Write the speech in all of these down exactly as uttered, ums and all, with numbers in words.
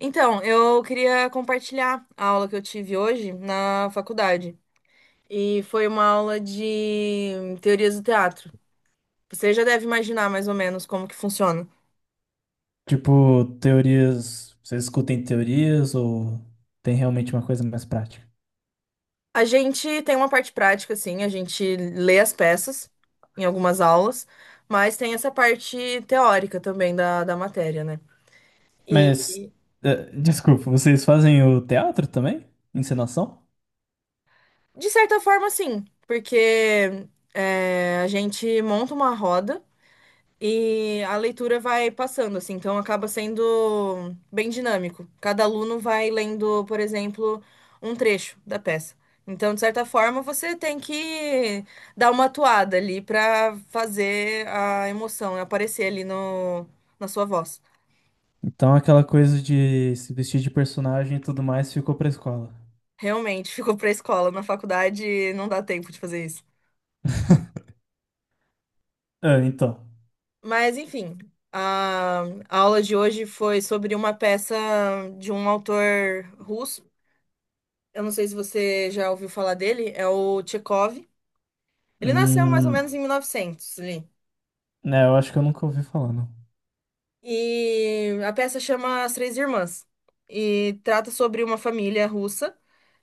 Então, eu queria compartilhar a aula que eu tive hoje na faculdade. E foi uma aula de teorias do teatro. Você já deve imaginar mais ou menos como que funciona. Tipo, teorias. Vocês escutem teorias ou tem realmente uma coisa mais prática? A gente tem uma parte prática, assim, a gente lê as peças em algumas aulas, mas tem essa parte teórica também da, da matéria, né? E, Mas, eh, desculpa, vocês fazem o teatro também? Encenação? de certa forma, sim, porque é, a gente monta uma roda. E a leitura vai passando, assim, então acaba sendo bem dinâmico. Cada aluno vai lendo, por exemplo, um trecho da peça. Então, de certa forma, você tem que dar uma atuada ali para fazer a emoção aparecer ali no, na sua voz. Então aquela coisa de se vestir de personagem e tudo mais ficou pra escola. Realmente, ficou pra escola, na faculdade não dá tempo de fazer isso. Ah, então. Mas, enfim, a, a aula de hoje foi sobre uma peça de um autor russo. Eu não sei se você já ouviu falar dele, é o Tchekov. Ele nasceu mais ou Hum, menos em mil e novecentos ali. né, eu acho que eu nunca ouvi falar, não. E a peça chama As Três Irmãs e trata sobre uma família russa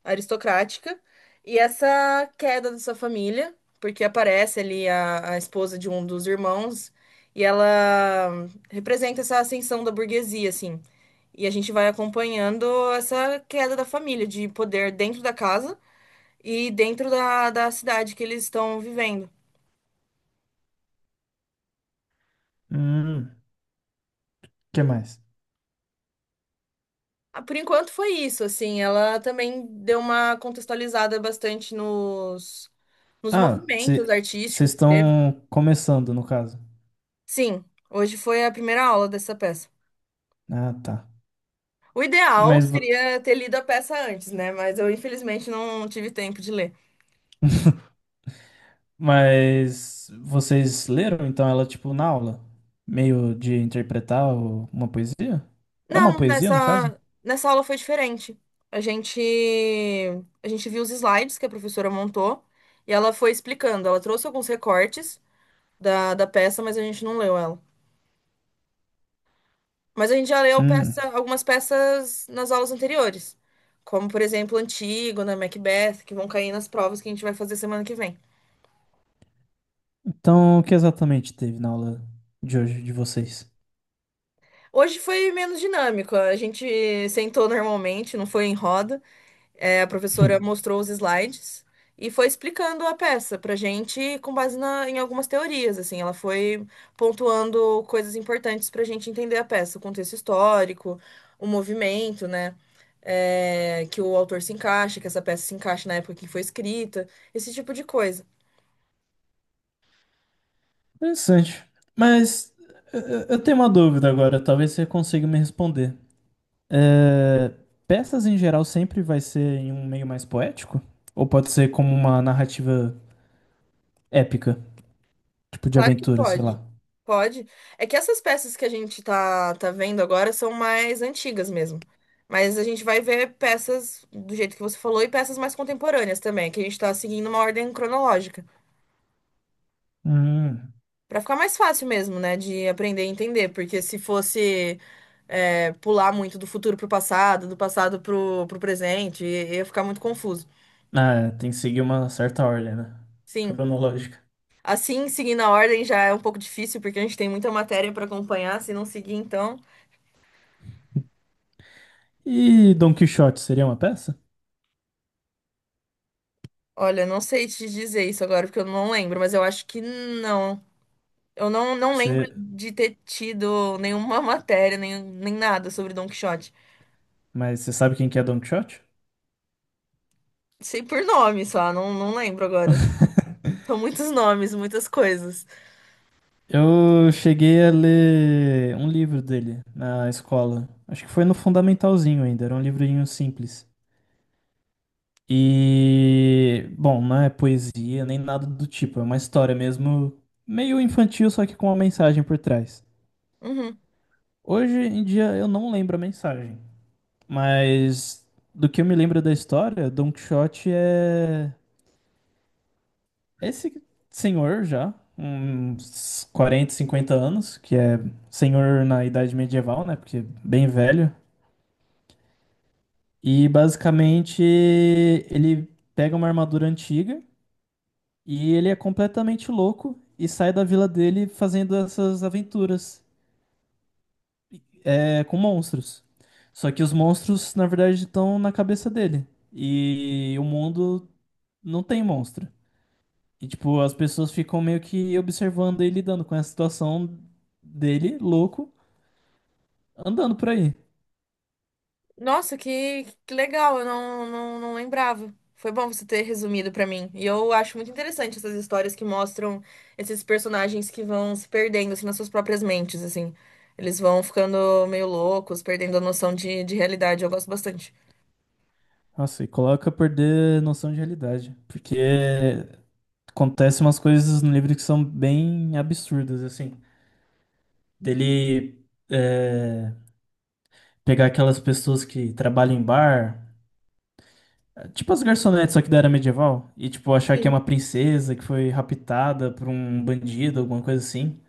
aristocrática e essa queda dessa família, porque aparece ali a, a esposa de um dos irmãos e ela representa essa ascensão da burguesia, assim. E a gente vai acompanhando essa queda da família de poder dentro da casa e dentro da, da cidade que eles estão vivendo. Hum, que mais? Ah, por enquanto foi isso, assim, ela também deu uma contextualizada bastante nos, nos Ah, movimentos vocês artísticos que teve. estão começando, no caso. Sim, hoje foi a primeira aula dessa peça. Ah, tá. O ideal Mas. vo- seria ter lido a peça antes, né? Mas eu infelizmente não tive tempo de ler. Mas vocês leram então ela tipo na aula? Meio de interpretar o- uma poesia? É uma Não, poesia no caso? nessa, nessa aula foi diferente. A gente, a gente viu os slides que a professora montou e ela foi explicando. Ela trouxe alguns recortes da, da peça, mas a gente não leu ela. Mas a gente já leu Hum. peça, algumas peças nas aulas anteriores, como, por exemplo, Antígona, Macbeth, que vão cair nas provas que a gente vai fazer semana que vem. Então o que exatamente teve na aula de hoje de vocês? Hoje foi menos dinâmico, a gente sentou normalmente, não foi em roda. É, a professora Hum. mostrou os slides e foi explicando a peça pra gente com base na- em algumas teorias, assim. Ela foi pontuando coisas importantes pra gente entender a peça, o contexto histórico, o movimento, né? É, que o autor se encaixa, que essa peça se encaixa na época que foi escrita, esse tipo de coisa. Interessante. Mas eu eu- eu tenho uma dúvida agora, talvez você consiga me responder. É, peças em geral sempre vai ser em um meio mais poético? Ou pode ser como uma narrativa épica, tipo de Claro que aventura, sei pode. lá? Pode. É que essas peças que a gente tá, tá vendo agora são mais antigas mesmo. Mas a gente vai ver peças do jeito que você falou e peças mais contemporâneas também, que a gente tá seguindo uma ordem cronológica. Hum. Pra ficar mais fácil mesmo, né, de aprender e entender. Porque se fosse é, pular muito do futuro pro passado, do passado pro, pro presente, i- ia ficar muito confuso. Ah, tem que seguir uma certa ordem, né? Sim. Cronológica. Assim, seguindo a ordem já é um pouco difícil, porque a gente tem muita matéria pra acompanhar. Se não seguir, então. E Don Quixote seria uma peça? Olha, não sei te dizer isso agora, porque eu não lembro, mas eu acho que não. Eu não, não lembro Você... de ter tido nenhuma matéria, nem, nem nada sobre Don Quixote. Mas você sabe quem que é Don Quixote? Sei por nome só, não, não lembro agora. São muitos nomes, muitas coisas. Eu cheguei a ler um livro dele na escola. Acho que foi no fundamentalzinho ainda, era um livrinho simples. E, bom, não é poesia nem nada do tipo, é uma história mesmo meio infantil, só que com uma mensagem por trás. Uhum. Hoje em dia eu não lembro a mensagem. Mas do que eu me lembro da história, Don Quixote é esse senhor já, uns quarenta, cinquenta anos, que é senhor na idade medieval, né? Porque é bem velho. E basicamente ele pega uma armadura antiga e ele é completamente louco e sai da vila dele fazendo essas aventuras é, com monstros. Só que os monstros, na verdade, estão na cabeça dele. E o mundo não tem monstro. E, tipo, as pessoas ficam meio que observando ele lidando com essa situação dele, louco, andando por aí. Nossa, que, que legal, eu não, não, não lembrava. Foi bom você ter resumido pra mim. E eu acho muito interessante essas histórias que mostram esses personagens que vão se perdendo, assim, nas suas próprias mentes, assim. Eles vão ficando meio loucos, perdendo a noção de, de realidade. Eu gosto bastante. Nossa, e coloca a perder noção de realidade. Porque acontecem umas coisas no livro que são bem absurdas, assim. Dele é, pegar aquelas pessoas que trabalham em bar, tipo as garçonetes, só que da era medieval, e, tipo, achar que é Sim. uma princesa que foi raptada por um bandido, alguma coisa assim.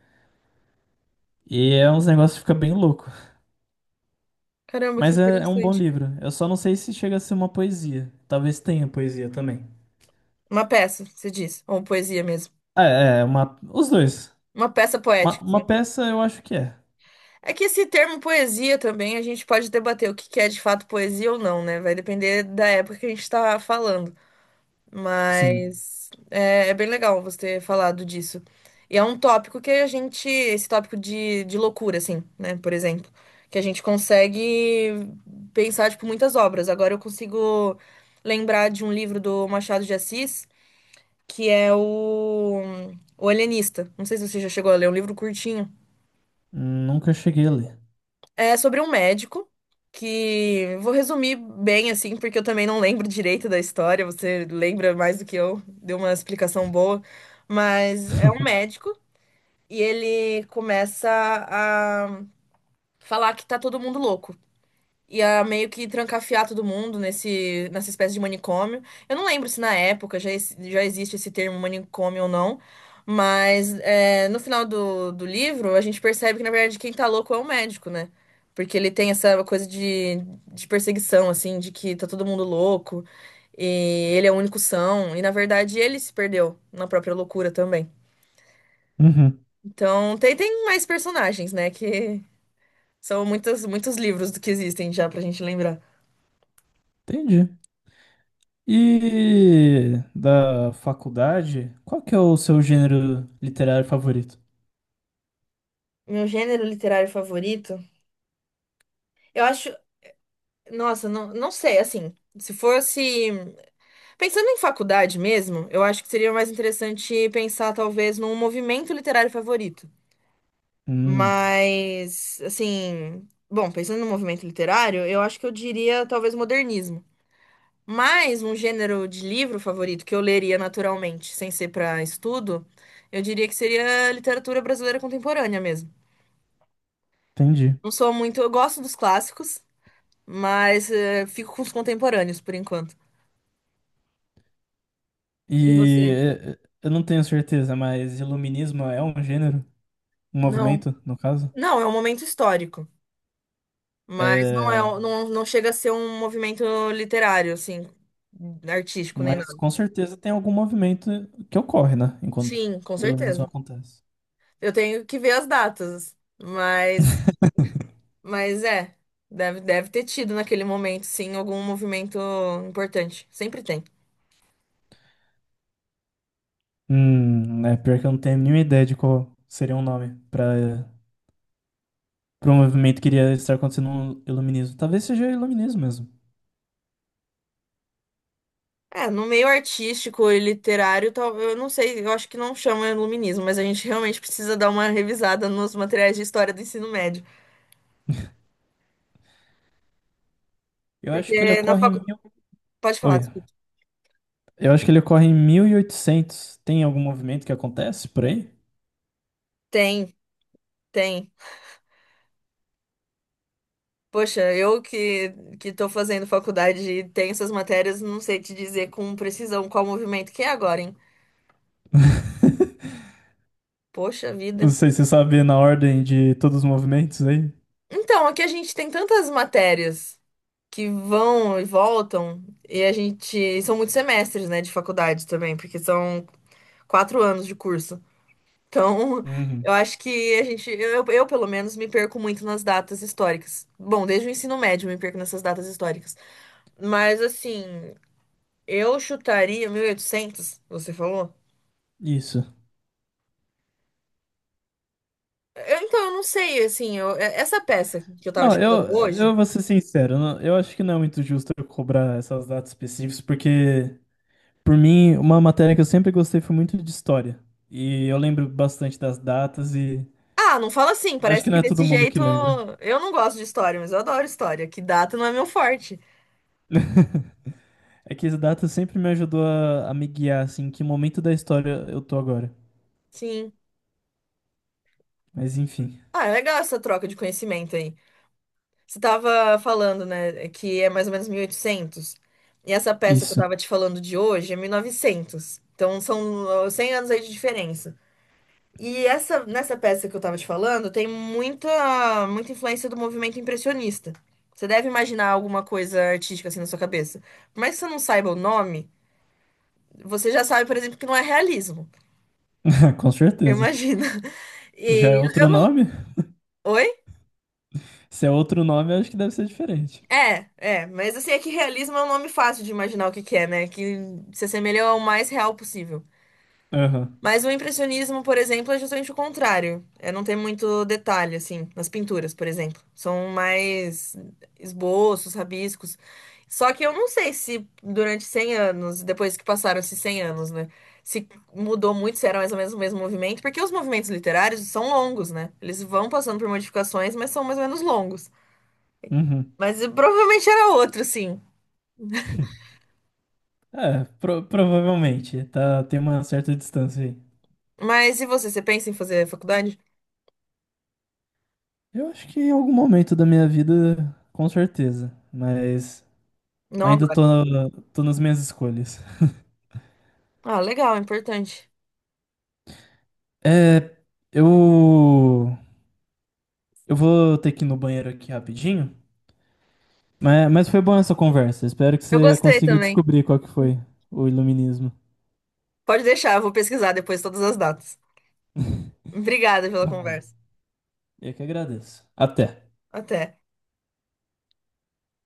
E é uns negócios que fica bem louco. Caramba, que Mas é, é um bom interessante. livro. Eu só não sei se chega a ser uma poesia. Talvez tenha poesia também. Uma peça, você diz, ou poesia mesmo. Ah, é. É uma, os dois. Uma peça Uma, poética, assim. uma peça eu acho que é. É que esse termo poesia também, a gente pode debater o que que é de fato poesia ou não, né? Vai depender da época que a gente tá falando. Sim. Mas é, é bem legal você ter falado disso. E é um tópico que a gente, esse tópico de, de loucura, assim, né? Por exemplo, que a gente consegue pensar, tipo, muitas obras. Agora eu consigo lembrar de um livro do Machado de Assis, que é o, o Alienista. Não sei se você já chegou a ler, é um livro curtinho. Nunca cheguei a ler. É sobre um médico que vou resumir bem assim, porque eu também não lembro direito da história, você lembra mais do que eu, deu uma explicação boa, mas é um médico e ele começa a falar que tá todo mundo louco ia meio que trancafiar todo mundo nesse, nessa espécie de manicômio. Eu não lembro se na época já, ex- já existe esse termo manicômio ou não, mas é, no final do, do livro a gente percebe que, na verdade, quem tá louco é o médico, né? Porque ele tem essa coisa de, de perseguição, assim, de que tá todo mundo louco e ele é o único são, e na verdade ele se perdeu na própria loucura também. Uhum. Então tem, tem mais personagens, né? Que são muitos, muitos livros que existem já pra gente lembrar. Entendi. E da faculdade, qual que é o seu gênero literário favorito? Meu gênero literário favorito? Eu acho. Nossa, não, não sei, assim. Se fosse. Pensando em faculdade mesmo, eu acho que seria mais interessante pensar, talvez, num movimento literário favorito. Hum, Mas, assim. Bom, pensando no movimento literário, eu acho que eu diria, talvez, modernismo. Mas um gênero de livro favorito que eu leria naturalmente, sem ser para estudo, eu diria que seria literatura brasileira contemporânea mesmo. Entendi. Não sou muito. Eu gosto dos clássicos, mas eh, fico com os contemporâneos por enquanto. E E você? é, é, eu não tenho certeza, mas iluminismo é um gênero? Um Não, movimento, no caso? não, é um momento histórico, mas não é, É. um- não, não chega a ser um movimento literário, assim, artístico nem Mas nada. com certeza tem algum movimento que ocorre, né? Enquanto Sim, com o Illuminus certeza. acontece. Eu tenho que ver as datas, mas, mas é, deve, deve ter tido naquele momento, sim, algum movimento importante. Sempre tem. Hum, é pior que eu não tenho nenhuma ideia de qual seria um nome para para um movimento que iria estar acontecendo no iluminismo. Talvez seja iluminismo mesmo. É, no meio artístico e literário, tal- eu não sei, eu acho que não chama iluminismo, mas a gente realmente precisa dar uma revisada nos materiais de história do ensino médio. Eu acho que ele Porque na ocorre em faculdade. mil. Pode falar, Oi. desculpa. Eu acho que ele ocorre em mil e oitocentos. Tem algum movimento que acontece por aí? Tem, tem. Poxa, eu que, que tô fazendo faculdade e tenho essas matérias, não sei te dizer com precisão qual movimento que é agora, hein? Poxa vida. Não sei se você sabe na ordem de todos os movimentos aí. Então, aqui a gente tem tantas matérias que vão e voltam, e a gente. São muitos semestres, né, de faculdade também, porque são quatro anos de curso. Então, Uhum. eu acho que a gente, eu, eu pelo menos me perco muito nas datas históricas. Bom, desde o ensino médio eu me perco nessas datas históricas. Mas assim, eu chutaria mil e oitocentos. Você falou? Isso. Eu- então, eu não sei, assim, eu- é- essa peça que eu tava te Não, eu, falando hoje. eu vou ser sincero, não- eu acho que não é muito justo eu cobrar essas datas específicas, porque, por mim, uma matéria que eu sempre gostei foi muito de história. E eu lembro bastante das datas e Ah, não fala assim, acho parece que não que é todo desse mundo que jeito lembra. eu não gosto de história, mas eu adoro história, que data não é meu forte. É que as datas sempre me ajudou a, a me guiar, assim, em que momento da história eu tô agora. Sim. Mas enfim. Ah, é legal essa troca de conhecimento aí. Você estava falando, né, que é mais ou menos mil e oitocentos. E oitocentos. E essa peça que eu Isso. estava te falando de hoje é mil e novecentos. Então são uh, cem anos aí de diferença. E essa nessa peça que eu estava te falando tem muita muita influência do movimento impressionista. Você deve imaginar alguma coisa artística assim na sua cabeça. Por mais que você não saiba o nome, você já sabe, por exemplo, que não é realismo. Com certeza. Imagina. Já é E eu outro não. nome? Oi? Se é outro nome, eu acho que deve ser diferente. É, é, mas assim, é que realismo é um nome fácil de imaginar o que que é, né? Que se assemelha ao mais real possível. Aham. Mas o impressionismo, por exemplo, é justamente o contrário. É não ter muito detalhe, assim, nas pinturas, por exemplo. São mais esboços, rabiscos. Só que eu não sei se durante cem anos, depois que passaram esses cem anos, né? Se mudou muito, se era mais ou menos o mesmo movimento, porque os movimentos literários são longos, né? Eles vão passando por modificações, mas são mais ou menos longos. Uhum. Mas eh, provavelmente era outro, sim. É, pro- provavelmente. Tá, tem uma certa distância aí. Mas e você, você pensa em fazer faculdade? Eu acho que em algum momento da minha vida, com certeza. Mas Não ainda agora. tô, tô nas minhas escolhas. Ah, legal, importante. É, eu. Eu vou ter que ir no banheiro aqui rapidinho. Mas, mas foi bom essa conversa. Espero que Eu você gostei consiga também. descobrir qual que foi o iluminismo. Pode deixar, eu vou pesquisar depois todas as datas. Obrigada pela Tá bom. conversa. Eu que agradeço. Até. Até.